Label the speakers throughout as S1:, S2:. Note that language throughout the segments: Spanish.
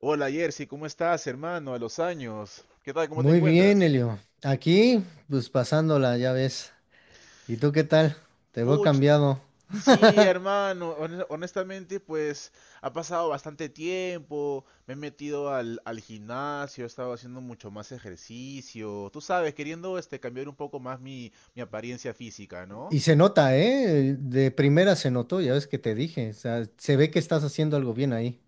S1: Hola Jersey, ¿cómo estás, hermano? A los años. ¿Qué tal? ¿Cómo te
S2: Muy bien,
S1: encuentras?
S2: Elio. Aquí, pues pasándola, ya ves. ¿Y tú qué tal? Te veo
S1: Puch,
S2: cambiado.
S1: sí, hermano. Honestamente, pues ha pasado bastante tiempo. Me he metido al gimnasio, he estado haciendo mucho más ejercicio. Tú sabes, queriendo cambiar un poco más mi apariencia física, ¿no?
S2: Y se nota, ¿eh? De primera se notó, ya ves que te dije. O sea, se ve que estás haciendo algo bien ahí.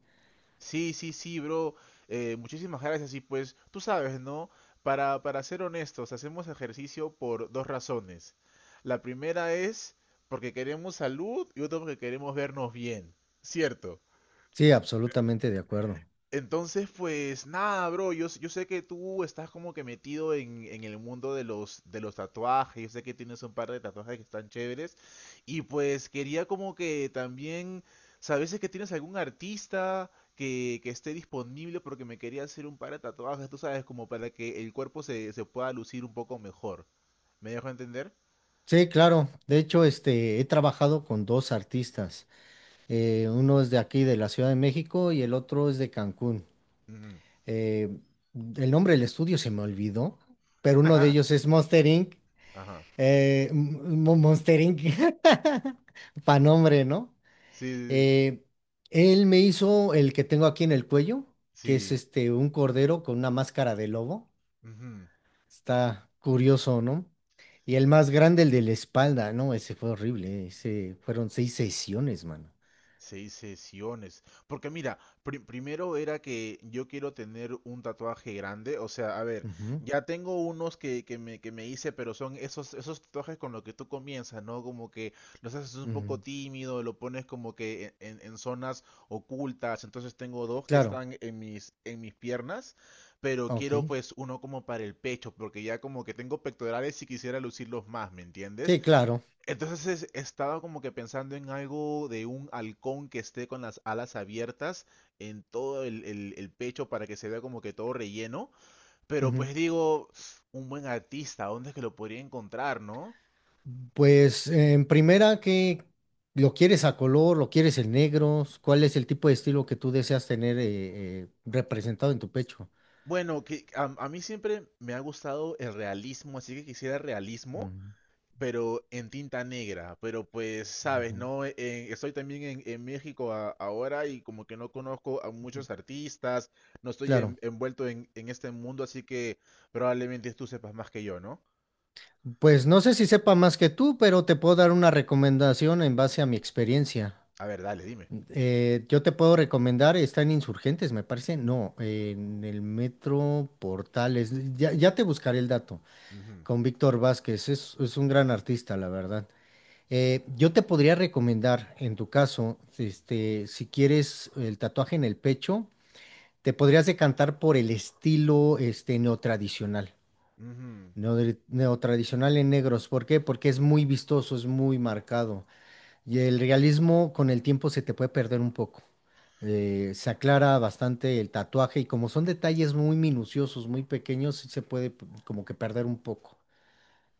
S1: Sí, sí, sí, bro. Muchísimas gracias. Y pues, tú sabes, ¿no? Para ser honestos, hacemos ejercicio por dos razones. La primera es porque queremos salud y otra porque queremos vernos bien. ¿Cierto?
S2: Sí, absolutamente de acuerdo.
S1: Entonces, pues nada, bro, yo sé que tú estás como que metido en el mundo de los tatuajes, yo sé que tienes un par de tatuajes que están chéveres, y pues quería como que también, ¿sabes si es que tienes algún artista que esté disponible? Porque me quería hacer un par de tatuajes, tú sabes, como para que el cuerpo se pueda lucir un poco mejor. ¿Me dejo entender?
S2: Sí, claro. De hecho, he trabajado con dos artistas. Uno es de aquí, de la Ciudad de México, y el otro es de Cancún.
S1: Ujú.
S2: Eh, el nombre del estudio se me olvidó, pero uno de ellos es Monster Inc.
S1: Ajá.
S2: Monster Inc. Pa' nombre, ¿no?
S1: Sí, sí,
S2: Eh, Él me hizo el que tengo aquí en el cuello, que es
S1: sí.
S2: un cordero con una máscara de lobo.
S1: Ujú.
S2: Está curioso, ¿no? Y el más grande, el de la espalda, ¿no? Ese fue horrible. Ese fueron seis sesiones, mano.
S1: Seis sesiones. Porque mira, primero era que yo quiero tener un tatuaje grande. O sea, a ver,
S2: Ujú,
S1: ya tengo unos que me hice, pero son esos, esos tatuajes con los que tú comienzas, ¿no? Como que los haces un poco
S2: ujú.
S1: tímido, lo pones como que zonas ocultas. Entonces tengo dos que
S2: Claro,
S1: están en mis piernas, pero
S2: ok.
S1: quiero pues uno como para el pecho, porque ya como que tengo pectorales y quisiera lucirlos más, ¿me entiendes?
S2: Sí, claro.
S1: Entonces he estado como que pensando en algo de un halcón que esté con las alas abiertas en todo el pecho para que se vea como que todo relleno. Pero pues digo, un buen artista, ¿dónde es que lo podría encontrar, no?
S2: Pues en primera, ¿qué lo quieres a color, lo quieres en negros? ¿Cuál es el tipo de estilo que tú deseas tener representado en tu pecho?
S1: Bueno, que a mí siempre me ha gustado el realismo, así que quisiera realismo,
S2: Ujú,
S1: pero en tinta negra. Pero pues, sabes, no. Estoy también en, México ahora y como que no conozco a
S2: ujú.
S1: muchos artistas, no estoy
S2: Claro.
S1: envuelto en este mundo, así que probablemente tú sepas más que yo, ¿no?
S2: Pues no sé si sepa más que tú, pero te puedo dar una recomendación en base a mi experiencia.
S1: A ver, dale, dime.
S2: Yo te puedo recomendar, está en Insurgentes, me parece. No, en el Metro Portales. Ya te buscaré el dato
S1: Ujú,
S2: con Víctor Vázquez. Es un gran artista, la verdad. Yo te podría recomendar, en tu caso, si quieres el tatuaje en el pecho, te podrías decantar por el estilo neotradicional.
S1: ujú.
S2: Neotradicional en negros. ¿Por qué? Porque es muy vistoso, es muy marcado. Y el realismo con el tiempo se te puede perder un poco. Se aclara bastante el tatuaje y como son detalles muy minuciosos, muy pequeños, sí se puede como que perder un poco.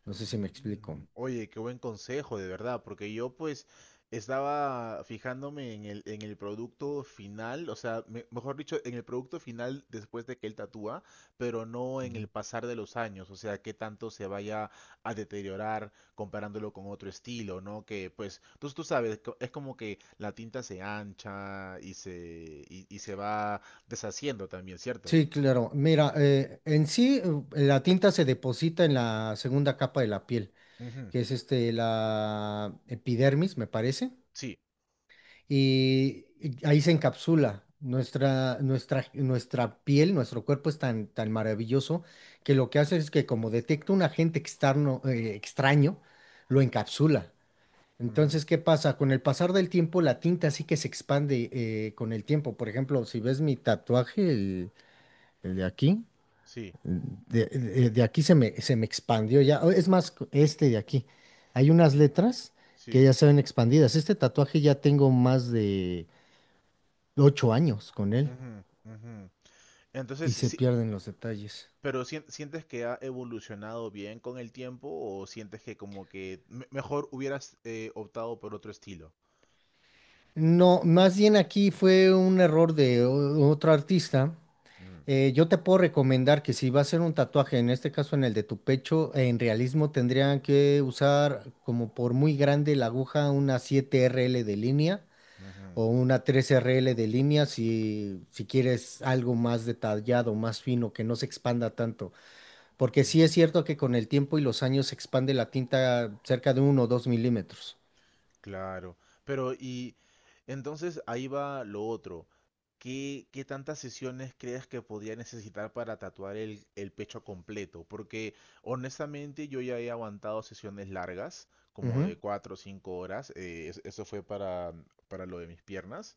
S2: No sé si me explico.
S1: Mm, oye, qué buen consejo, de verdad, porque yo pues estaba fijándome en el producto final, o sea, mejor dicho, en el producto final después de que él tatúa, pero no en el pasar de los años, o sea, qué tanto se vaya a deteriorar comparándolo con otro estilo, ¿no? Que pues tú sabes, es como que la tinta se ancha y y se va deshaciendo también, ¿cierto?
S2: Sí, claro. Mira, en sí la tinta se deposita en la segunda capa de la piel,
S1: Ujú,
S2: que es la epidermis, me parece,
S1: sí,
S2: y ahí se encapsula. Nuestra piel, nuestro cuerpo es tan maravilloso que lo que hace es que como detecta un agente externo, extraño, lo encapsula.
S1: ujú,
S2: Entonces, ¿qué pasa? Con el pasar del tiempo, la tinta sí que se expande con el tiempo. Por ejemplo, si ves mi tatuaje, el de aquí.
S1: sí,
S2: De aquí se me expandió ya. Es más, este de aquí. Hay unas
S1: sí,
S2: letras que
S1: sí.
S2: ya se ven expandidas. Este tatuaje ya tengo más de 8 años con él
S1: Ujú, ujú. Entonces,
S2: y se
S1: sí,
S2: pierden los detalles.
S1: pero ¿sientes que ha evolucionado bien con el tiempo o sientes que como que mejor hubieras optado por otro estilo?
S2: No, más bien aquí fue un error de otro artista.
S1: Mm,
S2: Yo te puedo recomendar que si va a ser un tatuaje, en este caso en el de tu pecho, en realismo tendrían que usar como por muy grande la aguja una 7RL de línea
S1: ujú,
S2: o una 3RL de línea si quieres algo más detallado, más fino, que no se expanda tanto. Porque sí
S1: ujú,
S2: es cierto que con el tiempo y los años se expande la tinta cerca de uno o 2 milímetros.
S1: claro, pero y entonces ahí va lo otro. ¿Qué, qué tantas sesiones crees que podría necesitar para tatuar el pecho completo? Porque honestamente yo ya he aguantado sesiones largas, como
S2: Ujú,
S1: de 4 o 5 horas. Eso fue para lo de mis piernas.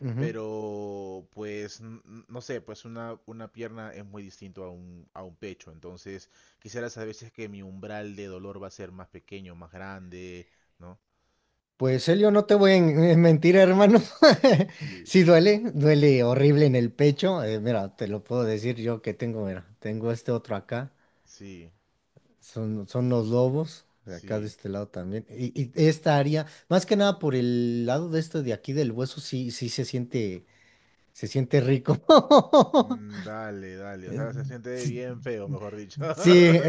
S2: ujú.
S1: Pero, pues, no sé, pues una pierna es muy distinto a un pecho. Entonces, quisiera saber si es que mi umbral de dolor va a ser más pequeño, más grande, ¿no?
S2: Pues Elio, no te voy a en mentir, hermano.
S1: Sí,
S2: Sí duele, duele horrible en el pecho. Mira, te lo puedo decir yo que tengo, mira, tengo este otro acá.
S1: sí,
S2: Son los lobos, de acá de
S1: sí.
S2: este lado también. Y esta área, más que nada por el lado de esto de aquí del hueso, sí se siente rico.
S1: Mm, dale, dale. O
S2: Eh,
S1: sea, se siente
S2: Sí,
S1: bien feo, mejor dicho.
S2: sí,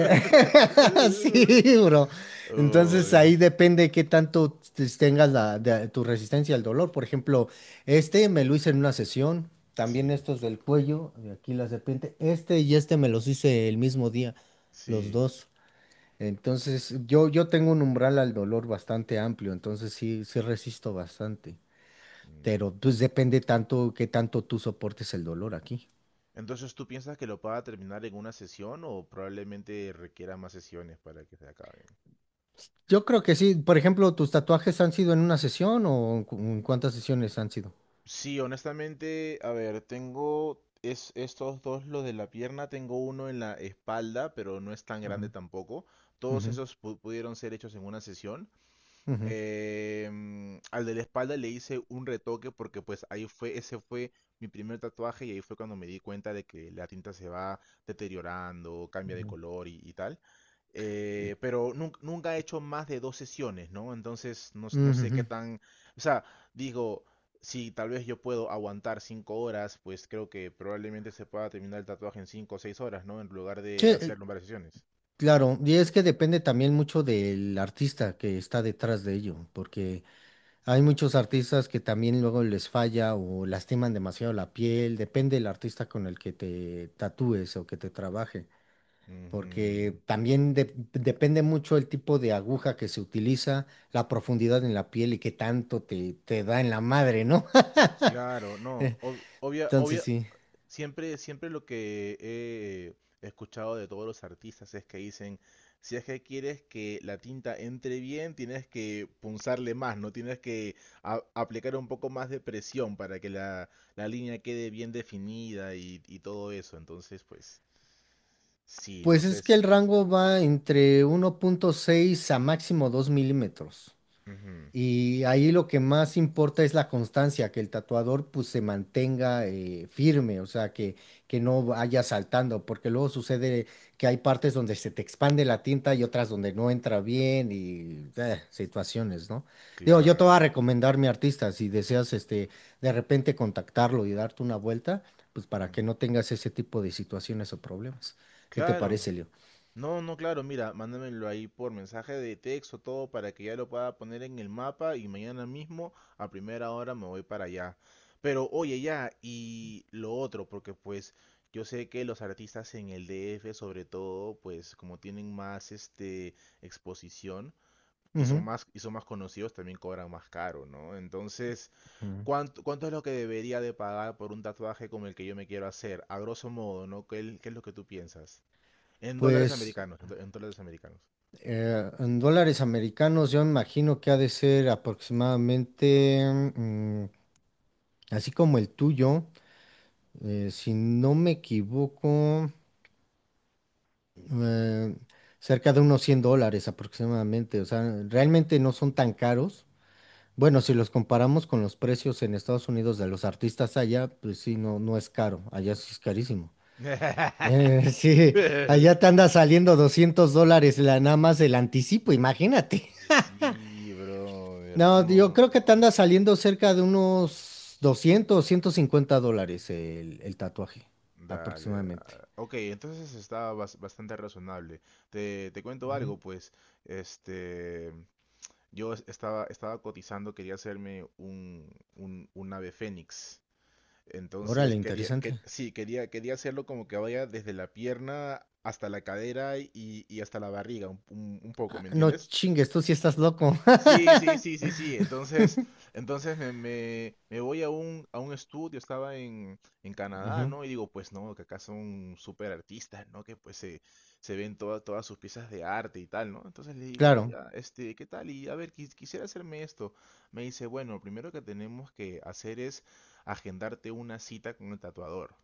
S2: sí, bro. Entonces
S1: Uy,
S2: ahí depende qué tanto tengas tu resistencia al dolor. Por ejemplo, este me lo hice en una sesión, también
S1: sí,
S2: estos del cuello, de aquí las de repente, este y este me los hice el mismo día, los
S1: sí.
S2: dos. Entonces, yo tengo un umbral al dolor bastante amplio, entonces sí resisto bastante.
S1: Mm.
S2: Pero pues depende tanto qué tanto tú soportes el dolor aquí.
S1: Entonces, ¿tú piensas que lo pueda terminar en una sesión o probablemente requiera más sesiones para que se acaben?
S2: Yo creo que sí. Por ejemplo, ¿tus tatuajes han sido en una sesión o en en cuántas sesiones han sido?
S1: Sí, honestamente, a ver, estos dos, los de la pierna, tengo uno en la espalda, pero no es tan grande
S2: Ujú,
S1: tampoco. Todos
S2: ujú,
S1: esos pudieron ser hechos en una sesión.
S2: ujú,
S1: Em, al de la espalda le hice un retoque porque pues ese fue mi primer tatuaje y ahí fue cuando me di cuenta de que la tinta se va deteriorando, cambia de
S2: ujú,
S1: color y tal. Pero nun- Nunca he hecho más de dos sesiones, ¿no? Entonces no, no sé qué
S2: ujú.
S1: tan... O sea, digo, si tal vez yo puedo aguantar cinco horas, pues creo que probablemente se pueda terminar el tatuaje en cinco o seis horas, ¿no? En lugar
S2: Sí,
S1: de hacerlo en varias sesiones.
S2: claro. Y es que depende también mucho del artista que está detrás de ello, porque hay muchos artistas que también luego les falla o lastiman demasiado la piel, depende del artista con el que te tatúes o que te trabaje,
S1: Ujú.
S2: porque también depende mucho el tipo de aguja que se utiliza, la profundidad en la piel y qué tanto te da en la madre, ¿no?
S1: Claro, no,
S2: Entonces
S1: obvia-
S2: sí.
S1: Siempre, siempre lo que he escuchado de todos los artistas es que dicen, si es que quieres que la tinta entre bien, tienes que punzarle más, ¿no? Tienes que aplicar un poco más de presión para que la línea quede bien definida y todo eso. Entonces, pues, sí, no
S2: Pues
S1: sé
S2: es que el
S1: si...
S2: rango va entre uno punto seis a máximo 2 milímetros.
S1: Ujú,
S2: Y ahí lo que más importa es la constancia, que el tatuador pues se mantenga firme, o sea, que no vaya saltando, porque luego sucede que hay partes donde se te expande la tinta y otras donde no entra bien y situaciones, ¿no? Digo, yo te voy
S1: claro.
S2: a recomendar mi artista, si deseas de repente contactarlo y darte una vuelta, pues para que
S1: Ujú.
S2: no tengas ese tipo de situaciones o problemas. ¿Qué te parece,
S1: Claro.
S2: Leo?
S1: No, no, claro, mira, mándamelo ahí por mensaje de texto, todo para que ya lo pueda poner en el mapa y mañana mismo a primera hora me voy para allá. Pero oye, ya, y lo otro, porque pues yo sé que los artistas en el DF sobre todo, pues como tienen más este exposición y
S2: Ujú,
S1: son más conocidos, también cobran más caro, ¿no? Entonces,
S2: ujú.
S1: ¿cuánto es lo que debería de pagar por un tatuaje como el que yo me quiero hacer? A grosso modo, ¿no? ¿Qué es lo que tú piensas? En dólares
S2: Pues...
S1: americanos, en dólares americanos.
S2: En dólares americanos, yo me imagino que ha de ser aproximadamente, mm, así como el tuyo, si no me equivoco, eh, cerca de unos $100 aproximadamente. O sea, realmente no son tan caros. Bueno, si los comparamos con los precios en Estados Unidos de los artistas allá, pues sí, no, no es caro. Allá sí es carísimo. Sí, allá te anda saliendo $200 la, nada más el anticipo, imagínate.
S1: Y sí, brother.
S2: No, yo creo que
S1: No.
S2: te anda saliendo cerca de unos 200, o $150 el tatuaje,
S1: Dale.
S2: aproximadamente.
S1: Ok, entonces está bastante razonable. Te cuento
S2: Ujú.
S1: algo, pues. Este. Estaba cotizando, quería hacerme un ave fénix. Entonces
S2: Órale, interesante.
S1: quería hacerlo como que vaya desde la pierna hasta la cadera y hasta la barriga, un poco,
S2: Ah,
S1: ¿me
S2: no
S1: entiendes?
S2: chingues, tú sí estás loco.
S1: Sí, sí, sí, sí, sí. Entonces, entonces me voy a a un estudio, estaba en, Canadá,
S2: Ujú,
S1: ¿no? Y digo, pues no, que acá son súper artistas, ¿no? Que se ven todas todas sus piezas de arte y tal, ¿no? Entonces le digo,
S2: claro.
S1: oiga, este, ¿qué tal? Y a ver, quisiera hacerme esto. Me dice, bueno, lo primero que tenemos que hacer es agendarte una cita con el tatuador.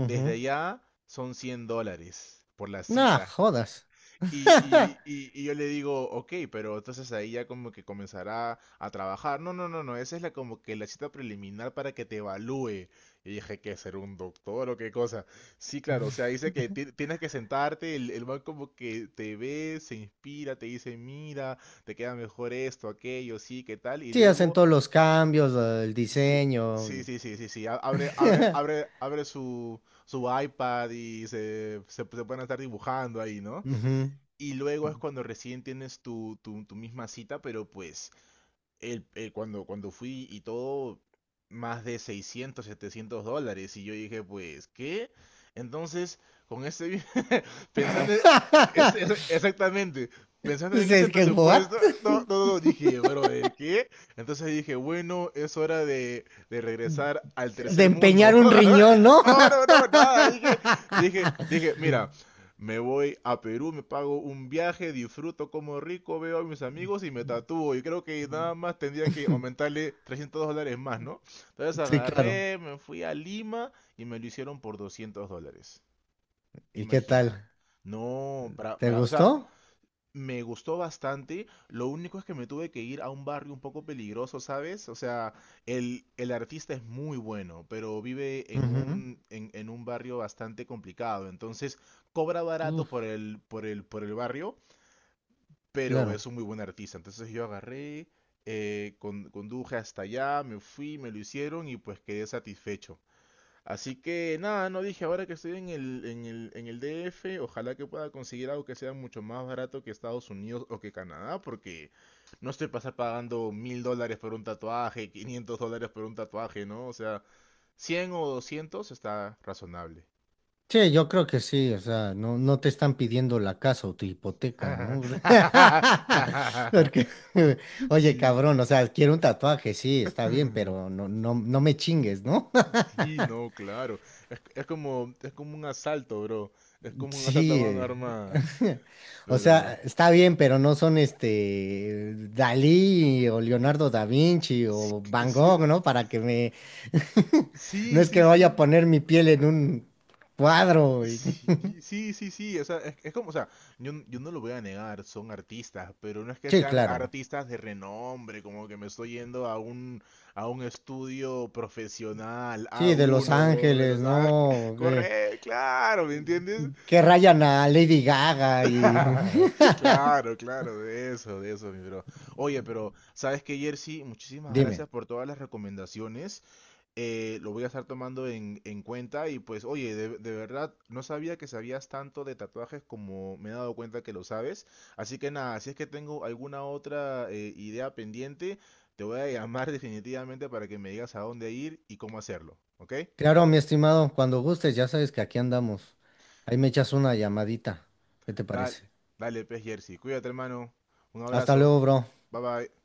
S1: Desde allá son $100 por la
S2: Nah,
S1: cita.
S2: jodas.
S1: Y yo le digo, ok, pero entonces ahí ya como que comenzará a trabajar. No, no, no, no, esa es la como que la cita preliminar para que te evalúe. Y dije, ¿qué ser un doctor o qué cosa? Sí, claro, o sea, dice que tienes que sentarte, el man como que te ve, se inspira, te dice, mira, te queda mejor esto, aquello, sí, qué tal, y
S2: Sí, hacen
S1: luego,
S2: todos los cambios, el
S1: sí,
S2: diseño.
S1: sí,
S2: Y-
S1: sí, sí, sí, sí, abre su iPad y se pueden estar dibujando ahí, ¿no?
S2: Ujú.
S1: Y luego es cuando recién tienes tu misma cita, pero pues cuando fui y todo, más de $600 $700. Y yo dije, pues, ¿qué? Entonces, con ese, pensando, exactamente, pensando en
S2: Pues
S1: ese
S2: es que, what?
S1: presupuesto, no, no, no, dije, brother, ¿qué? Entonces dije, bueno, es hora de regresar al
S2: De
S1: tercer
S2: empeñar
S1: mundo.
S2: un riñón, ¿no?
S1: No, no, no, nada, dije, mira, me voy a Perú, me pago un viaje, disfruto como rico, veo a mis amigos y me tatúo. Y creo que nada más tendría que aumentarle $300 más, ¿no? Entonces
S2: Sí, claro.
S1: agarré, me fui a Lima y me lo hicieron por $200.
S2: ¿Y qué
S1: Imagina.
S2: tal?
S1: No,
S2: ¿Te
S1: o sea,
S2: gustó?
S1: me gustó bastante, lo único es que me tuve que ir a un barrio un poco peligroso, ¿sabes? O sea, el artista es muy bueno, pero vive
S2: Ujú.
S1: en un barrio bastante complicado, entonces cobra barato por
S2: Uf,
S1: por el barrio, pero
S2: claro.
S1: es un muy buen artista. Entonces yo agarré, conduje hasta allá, me fui, me lo hicieron y pues quedé satisfecho. Así que nada, no dije, ahora que estoy en en el DF, ojalá que pueda conseguir algo que sea mucho más barato que Estados Unidos o que Canadá, porque no estoy pasar pagando $1,000 por un tatuaje, $500 por un tatuaje, ¿no? O sea, 100 o 200 está razonable.
S2: Sí, yo creo que sí, o sea, no, no te están pidiendo la casa o tu hipoteca, ¿no? Porque, oye,
S1: Sí.
S2: cabrón, o sea, quiero un tatuaje, sí, está bien, pero no, no, no me chingues, ¿no?
S1: Sí, no, claro. Es como, es como un asalto, bro. Es como un asalto a
S2: Sí,
S1: mano armada.
S2: o
S1: Pero...
S2: sea, está bien, pero no son Dalí o Leonardo da Vinci o Van
S1: Sí,
S2: Gogh, ¿no? Para que me, no
S1: sí,
S2: es
S1: sí,
S2: que vaya a
S1: sí.
S2: poner mi piel en un cuadro. Y-
S1: Sí, sí, sí, sí, o sea, es como, o sea, yo no lo voy a negar, son artistas, pero no es que
S2: Sí,
S1: sean
S2: claro.
S1: artistas de renombre, como que me estoy yendo a a un estudio profesional, a
S2: Sí, de Los
S1: uno de
S2: Ángeles,
S1: los... ah,
S2: ¿no?
S1: corre, claro, ¿me entiendes?
S2: Que rayan a Lady Gaga y...
S1: Claro, claro, de eso, mi bro. Oye, pero, ¿sabes qué, Jersey? Muchísimas
S2: Dime.
S1: gracias por todas las recomendaciones. Lo voy a estar tomando en cuenta y pues, oye, de verdad, no sabía que sabías tanto de tatuajes como me he dado cuenta que lo sabes. Así que nada, si es que tengo alguna otra idea pendiente, te voy a llamar definitivamente para que me digas a dónde ir y cómo hacerlo, ¿ok?
S2: Claro, mi estimado, cuando gustes, ya sabes que aquí andamos. Ahí me echas una llamadita. ¿Qué te
S1: Dale,
S2: parece?
S1: Dale, pez Jersey. Cuídate, hermano. Un
S2: Hasta
S1: abrazo.
S2: luego, bro.
S1: Bye bye.